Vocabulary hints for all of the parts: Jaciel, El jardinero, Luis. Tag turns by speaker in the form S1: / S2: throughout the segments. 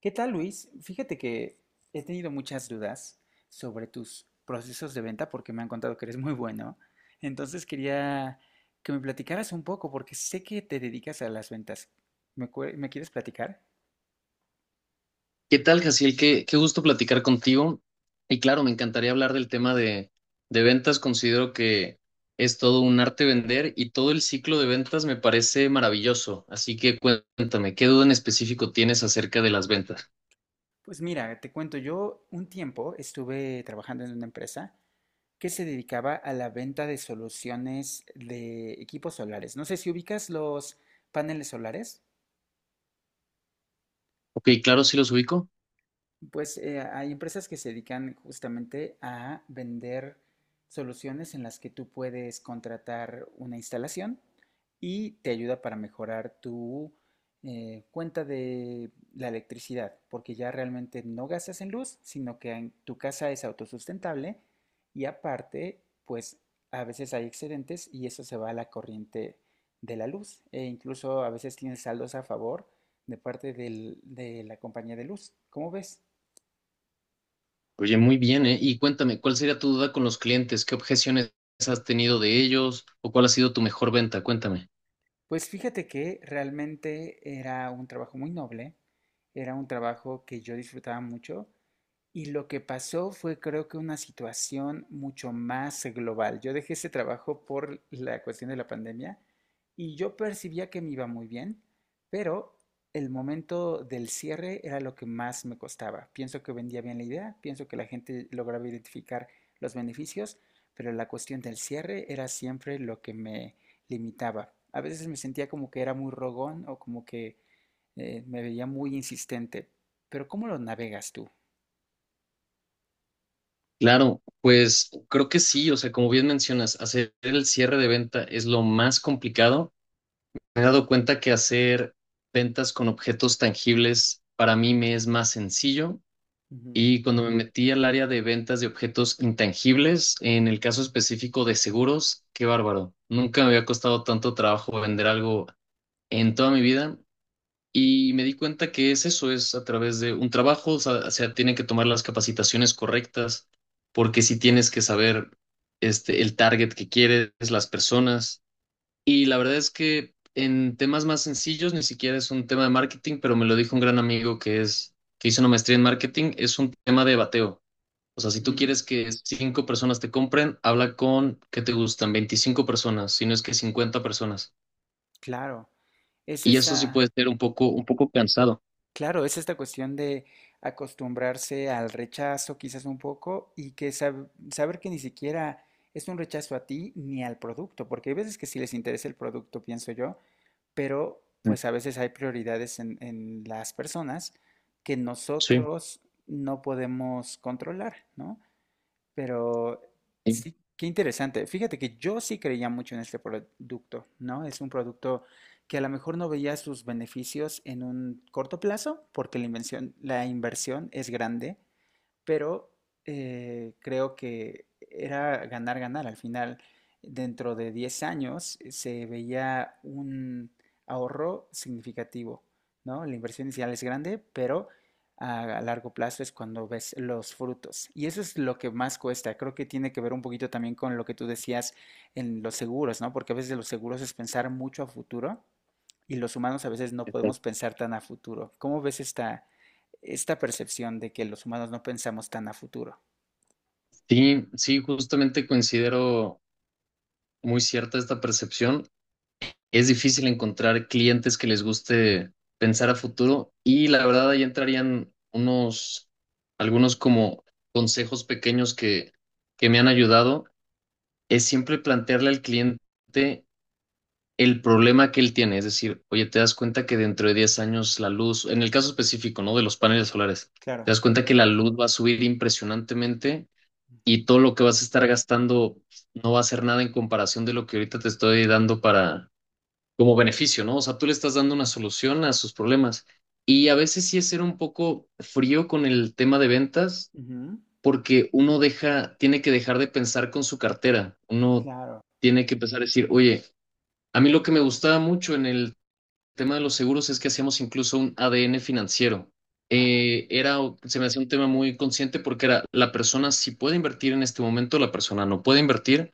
S1: ¿Qué tal, Luis? Fíjate que he tenido muchas dudas sobre tus procesos de venta porque me han contado que eres muy bueno. Entonces quería que me platicaras un poco porque sé que te dedicas a las ventas. Me quieres platicar?
S2: ¿Qué tal, Jaciel? Qué gusto platicar contigo. Y claro, me encantaría hablar del tema de ventas. Considero que es todo un arte vender y todo el ciclo de ventas me parece maravilloso. Así que cuéntame, ¿qué duda en específico tienes acerca de las ventas?
S1: Pues mira, te cuento, yo un tiempo estuve trabajando en una empresa que se dedicaba a la venta de soluciones de equipos solares. No sé si ubicas los paneles solares.
S2: Ok, claro, sí los ubico.
S1: Pues hay empresas que se dedican justamente a vender soluciones en las que tú puedes contratar una instalación y te ayuda para mejorar tu cuenta de la electricidad, porque ya realmente no gastas en luz, sino que en tu casa es autosustentable y aparte, pues a veces hay excedentes y eso se va a la corriente de la luz e incluso a veces tienes saldos a favor de de la compañía de luz. ¿Cómo ves?
S2: Oye, muy bien, ¿eh? Y cuéntame, ¿cuál sería tu duda con los clientes? ¿Qué objeciones has tenido de ellos? ¿O cuál ha sido tu mejor venta? Cuéntame.
S1: Pues fíjate que realmente era un trabajo muy noble, era un trabajo que yo disfrutaba mucho y lo que pasó fue creo que una situación mucho más global. Yo dejé ese trabajo por la cuestión de la pandemia y yo percibía que me iba muy bien, pero el momento del cierre era lo que más me costaba. Pienso que vendía bien la idea, pienso que la gente lograba identificar los beneficios, pero la cuestión del cierre era siempre lo que me limitaba. A veces me sentía como que era muy rogón o como que me veía muy insistente. Pero ¿cómo lo navegas tú?
S2: Claro, pues creo que sí, o sea, como bien mencionas, hacer el cierre de venta es lo más complicado. Me he dado cuenta que hacer ventas con objetos tangibles para mí me es más sencillo,
S1: Ujú.
S2: y cuando me metí al área de ventas de objetos intangibles, en el caso específico de seguros, qué bárbaro. Nunca me había costado tanto trabajo vender algo en toda mi vida, y me di cuenta que es eso, es a través de un trabajo, o sea, tienen que tomar las capacitaciones correctas, porque si tienes que saber este, el target que quieres, las personas. Y la verdad es que en temas más sencillos, ni siquiera es un tema de marketing, pero me lo dijo un gran amigo que hizo una maestría en marketing, es un tema de bateo. O sea, si tú
S1: Mm,
S2: quieres que cinco personas te compren, habla con, ¿qué te gustan? 25 personas, si no es que 50 personas.
S1: claro, es
S2: Y eso sí puede
S1: esta,
S2: ser un poco cansado.
S1: claro, es esta cuestión de acostumbrarse al rechazo quizás un poco y que saber que ni siquiera es un rechazo a ti ni al producto, porque hay veces que sí les interesa el producto, pienso yo, pero
S2: Mm,
S1: pues a veces hay prioridades en las personas que
S2: sí,
S1: nosotros no podemos controlar, ¿no? Pero
S2: sí,
S1: sí, qué interesante. Fíjate que yo sí creía mucho en este producto, ¿no? Es un producto que a lo mejor no veía sus beneficios en un corto plazo, porque la la inversión es grande, pero creo que era ganar, ganar. Al final, dentro de 10 años, se veía un ahorro significativo, ¿no? La inversión inicial es grande, pero a largo plazo es cuando ves los frutos. Y eso es lo que más cuesta. Creo que tiene que ver un poquito también con lo que tú decías en los seguros, ¿no? Porque a veces los seguros es pensar mucho a futuro y los humanos a veces no podemos
S2: exacto.
S1: pensar tan a futuro. ¿Cómo ves esta percepción de que los humanos no pensamos tan a futuro?
S2: Sí, sí, justamente considero muy cierta esta percepción. Es difícil encontrar clientes que les guste pensar a futuro, y la verdad ahí entrarían algunos como consejos pequeños que me han ayudado. Es siempre plantearle al cliente el problema que él tiene, es decir, oye, te das cuenta que dentro de 10 años la luz, en el caso específico, ¿no? De los paneles solares,
S1: Claro.
S2: te das cuenta que la luz va a subir impresionantemente,
S1: Ujú,
S2: y todo lo que vas a estar gastando no va a ser nada en comparación de lo que ahorita te estoy dando para como beneficio, ¿no? O sea, tú le estás dando una solución a sus problemas. Y a veces sí es ser un poco frío con el tema de ventas,
S1: ujú,
S2: porque uno deja, tiene que dejar de pensar con su cartera. Uno
S1: claro.
S2: tiene que empezar a decir, oye, a mí lo que me gustaba mucho en el tema de los seguros es que hacíamos incluso un ADN financiero.
S1: Ah,
S2: Eh, era, se me hacía un tema muy consciente, porque era la persona si puede invertir en este momento, la persona no puede invertir,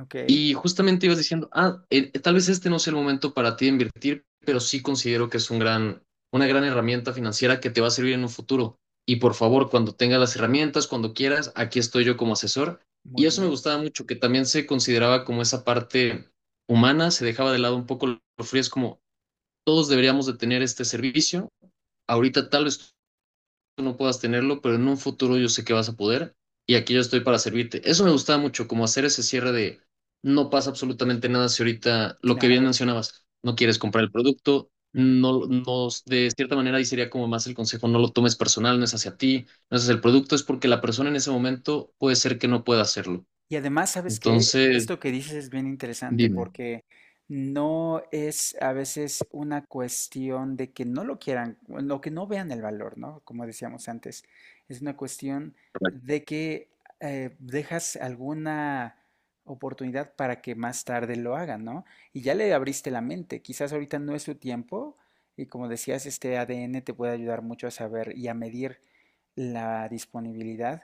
S1: ok,
S2: y justamente ibas diciendo, ah, tal vez este no sea el momento para ti de invertir, pero sí considero que es una gran herramienta financiera que te va a servir en un futuro. Y por favor, cuando tengas las herramientas, cuando quieras, aquí estoy yo como asesor. Y
S1: muy
S2: eso me
S1: bien,
S2: gustaba mucho, que también se consideraba como esa parte humana, se dejaba de lado un poco lo frío, es como todos deberíamos de tener este servicio. Ahorita tal vez tú no puedas tenerlo, pero en un futuro yo sé que vas a poder y aquí yo estoy para servirte. Eso me gustaba mucho, como hacer ese cierre de no pasa absolutamente nada si ahorita, lo que bien
S1: claro.
S2: mencionabas, no quieres comprar el producto. No, no, de cierta manera ahí sería como más el consejo: no lo tomes personal, no es hacia ti, no es hacia el producto, es porque la persona en ese momento puede ser que no pueda hacerlo.
S1: Y además, ¿sabes qué?
S2: Entonces,
S1: Esto que dices es bien interesante
S2: dime.
S1: porque no es a veces una cuestión de que no lo quieran, bueno, o que no vean el valor, ¿no? Como decíamos antes, es una cuestión
S2: Correcto.
S1: de que dejas alguna oportunidad para que más tarde lo hagan, ¿no? Y ya le abriste la mente, quizás ahorita no es su tiempo y como decías, este ADN te puede ayudar mucho a saber y a medir la disponibilidad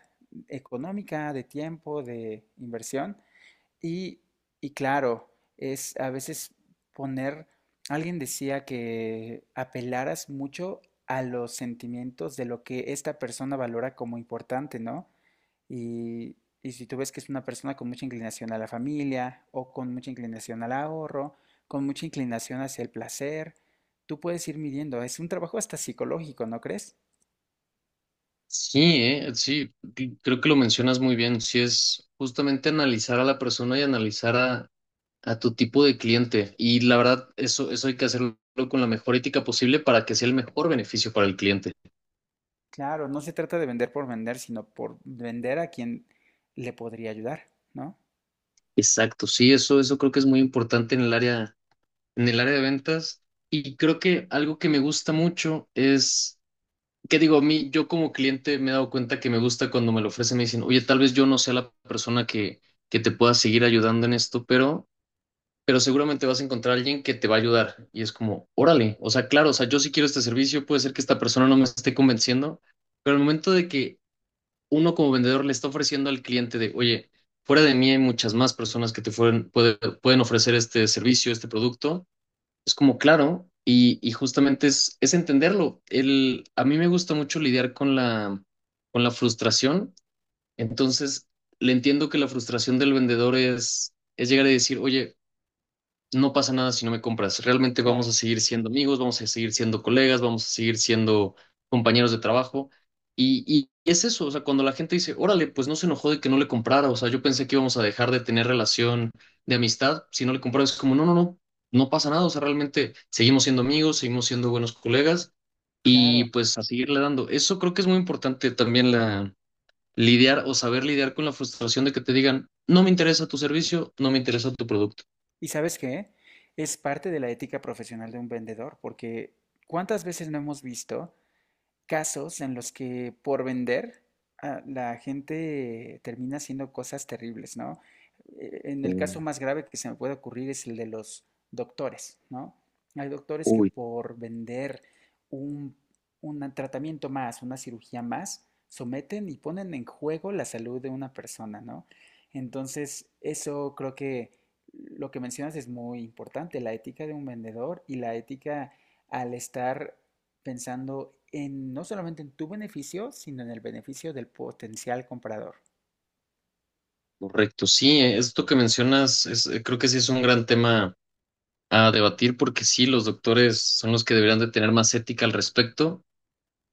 S1: económica, de tiempo, de inversión. Y, y claro, es a veces poner, alguien decía que apelaras mucho a los sentimientos de lo que esta persona valora como importante, ¿no? Y, y si tú ves que es una persona con mucha inclinación a la familia o con mucha inclinación al ahorro, con mucha inclinación hacia el placer, tú puedes ir midiendo. Es un trabajo hasta psicológico, ¿no crees?
S2: Sí, sí, creo que lo mencionas muy bien. Sí, es justamente analizar a la persona y analizar a tu tipo de cliente. Y la verdad, eso hay que hacerlo con la mejor ética posible para que sea el mejor beneficio para el cliente.
S1: Claro, no se trata de vender por vender, sino por vender a quien le podría ayudar, ¿no?
S2: Exacto, sí, eso creo que es muy importante en el área de ventas. Y creo que algo que me gusta mucho es, que digo, a mí, yo como cliente me he dado cuenta que me gusta cuando me lo ofrecen, me dicen, oye, tal vez yo no sea la persona que te pueda seguir ayudando en esto, pero seguramente vas a encontrar a alguien que te va a ayudar. Y es como, órale, o sea, claro, o sea, yo sí quiero este servicio, puede ser que esta persona no me esté convenciendo, pero al momento de que uno como vendedor le está ofreciendo al cliente de, oye, fuera de mí hay muchas más personas que pueden ofrecer este servicio, este producto, es como, claro, y justamente es, entenderlo. El, a mí me gusta mucho lidiar con la frustración, entonces le entiendo que la frustración del vendedor es llegar a decir, oye, no pasa nada si no me compras. Realmente vamos
S1: Claro,
S2: a seguir siendo amigos, vamos a seguir siendo colegas, vamos a seguir siendo compañeros de trabajo. Y es eso, o sea, cuando la gente dice, órale, pues no se enojó de que no le comprara, o sea, yo pensé que íbamos a dejar de tener relación de amistad si no le compraba, es como, no, no, no, no pasa nada, o sea, realmente seguimos siendo amigos, seguimos siendo buenos colegas y
S1: claro.
S2: pues a seguirle dando. Eso creo que es muy importante también la lidiar o saber lidiar con la frustración de que te digan, no me interesa tu servicio, no me interesa tu producto.
S1: ¿Y sabes qué? Es parte de la ética profesional de un vendedor, porque ¿cuántas veces no hemos visto casos en los que por vender la gente termina haciendo cosas terribles, ¿no? En el caso
S2: Mm.
S1: más grave que se me puede ocurrir es el de los doctores, ¿no? Hay doctores que
S2: Uy.
S1: por vender un, un tratamiento más, una cirugía más, someten y ponen en juego la salud de una persona, ¿no? Entonces, eso creo que lo que mencionas es muy importante, la ética de un vendedor y la ética al estar pensando en no solamente en tu beneficio, sino en el beneficio del potencial comprador.
S2: Correcto, sí, esto que mencionas es, creo que sí es un gran tema a debatir, porque sí, los doctores son los que deberían de tener más ética al respecto,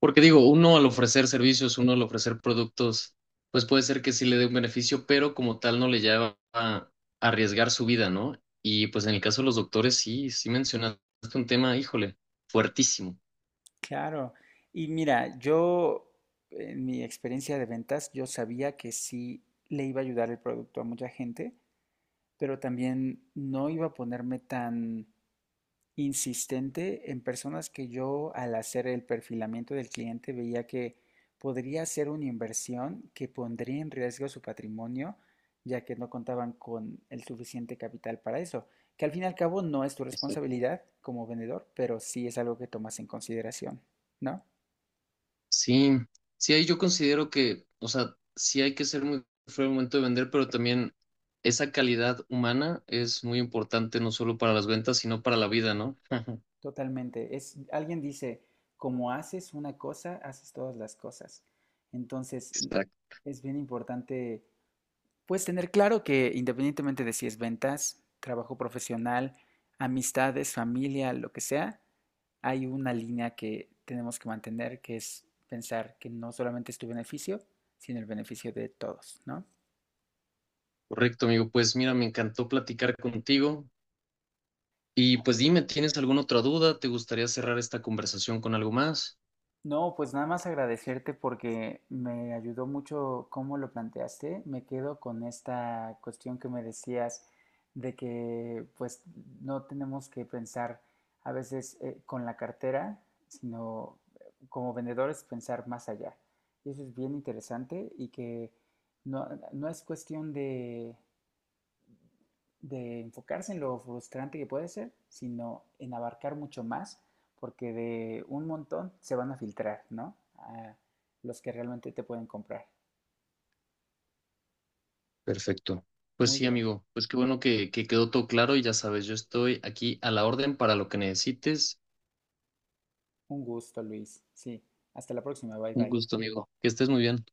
S2: porque digo, uno al ofrecer servicios, uno al ofrecer productos, pues puede ser que sí le dé un beneficio, pero como tal no le lleva a arriesgar su vida, ¿no? Y pues en el caso de los doctores sí, sí mencionaste un tema, híjole, fuertísimo.
S1: Claro. Y mira, yo en mi experiencia de ventas, yo sabía que sí le iba a ayudar el producto a mucha gente, pero también no iba a ponerme tan insistente en personas que yo al hacer el perfilamiento del cliente veía que podría ser una inversión que pondría en riesgo su patrimonio, ya que no contaban con el suficiente capital para eso, que al fin y al cabo no es tu responsabilidad como vendedor, pero sí es algo que tomas en consideración, ¿no?
S2: Sí, sí, ahí yo considero que, o sea, sí hay que ser muy fuerte al momento de vender, pero también esa calidad humana es muy importante no solo para las ventas, sino para la vida, ¿no?
S1: Totalmente. Es, alguien dice, como haces una cosa, haces todas las cosas. Entonces,
S2: Exacto.
S1: es bien importante. Pues tener claro que independientemente de si es ventas, trabajo profesional, amistades, familia, lo que sea, hay una línea que tenemos que mantener, que es pensar que no solamente es tu beneficio, sino el beneficio de todos, ¿no?
S2: Correcto, amigo. Pues mira, me encantó platicar contigo. Y pues dime, ¿tienes alguna otra duda? ¿Te gustaría cerrar esta conversación con algo más?
S1: No, pues nada más agradecerte porque me ayudó mucho cómo lo planteaste. Me quedo con esta cuestión que me decías de que pues no tenemos que pensar a veces con la cartera, sino como vendedores pensar más allá. Y eso es bien interesante y que no, no es cuestión de enfocarse en lo frustrante que puede ser, sino en abarcar mucho más, porque de un montón se van a filtrar, ¿no? A los que realmente te pueden comprar.
S2: Perfecto. Pues
S1: Muy
S2: sí,
S1: bien,
S2: amigo. Pues qué bueno que quedó todo claro y ya sabes, yo estoy aquí a la orden para lo que necesites.
S1: un gusto, Luis. Sí, hasta la próxima, bye
S2: Un
S1: bye.
S2: gusto, amigo. Que estés muy bien.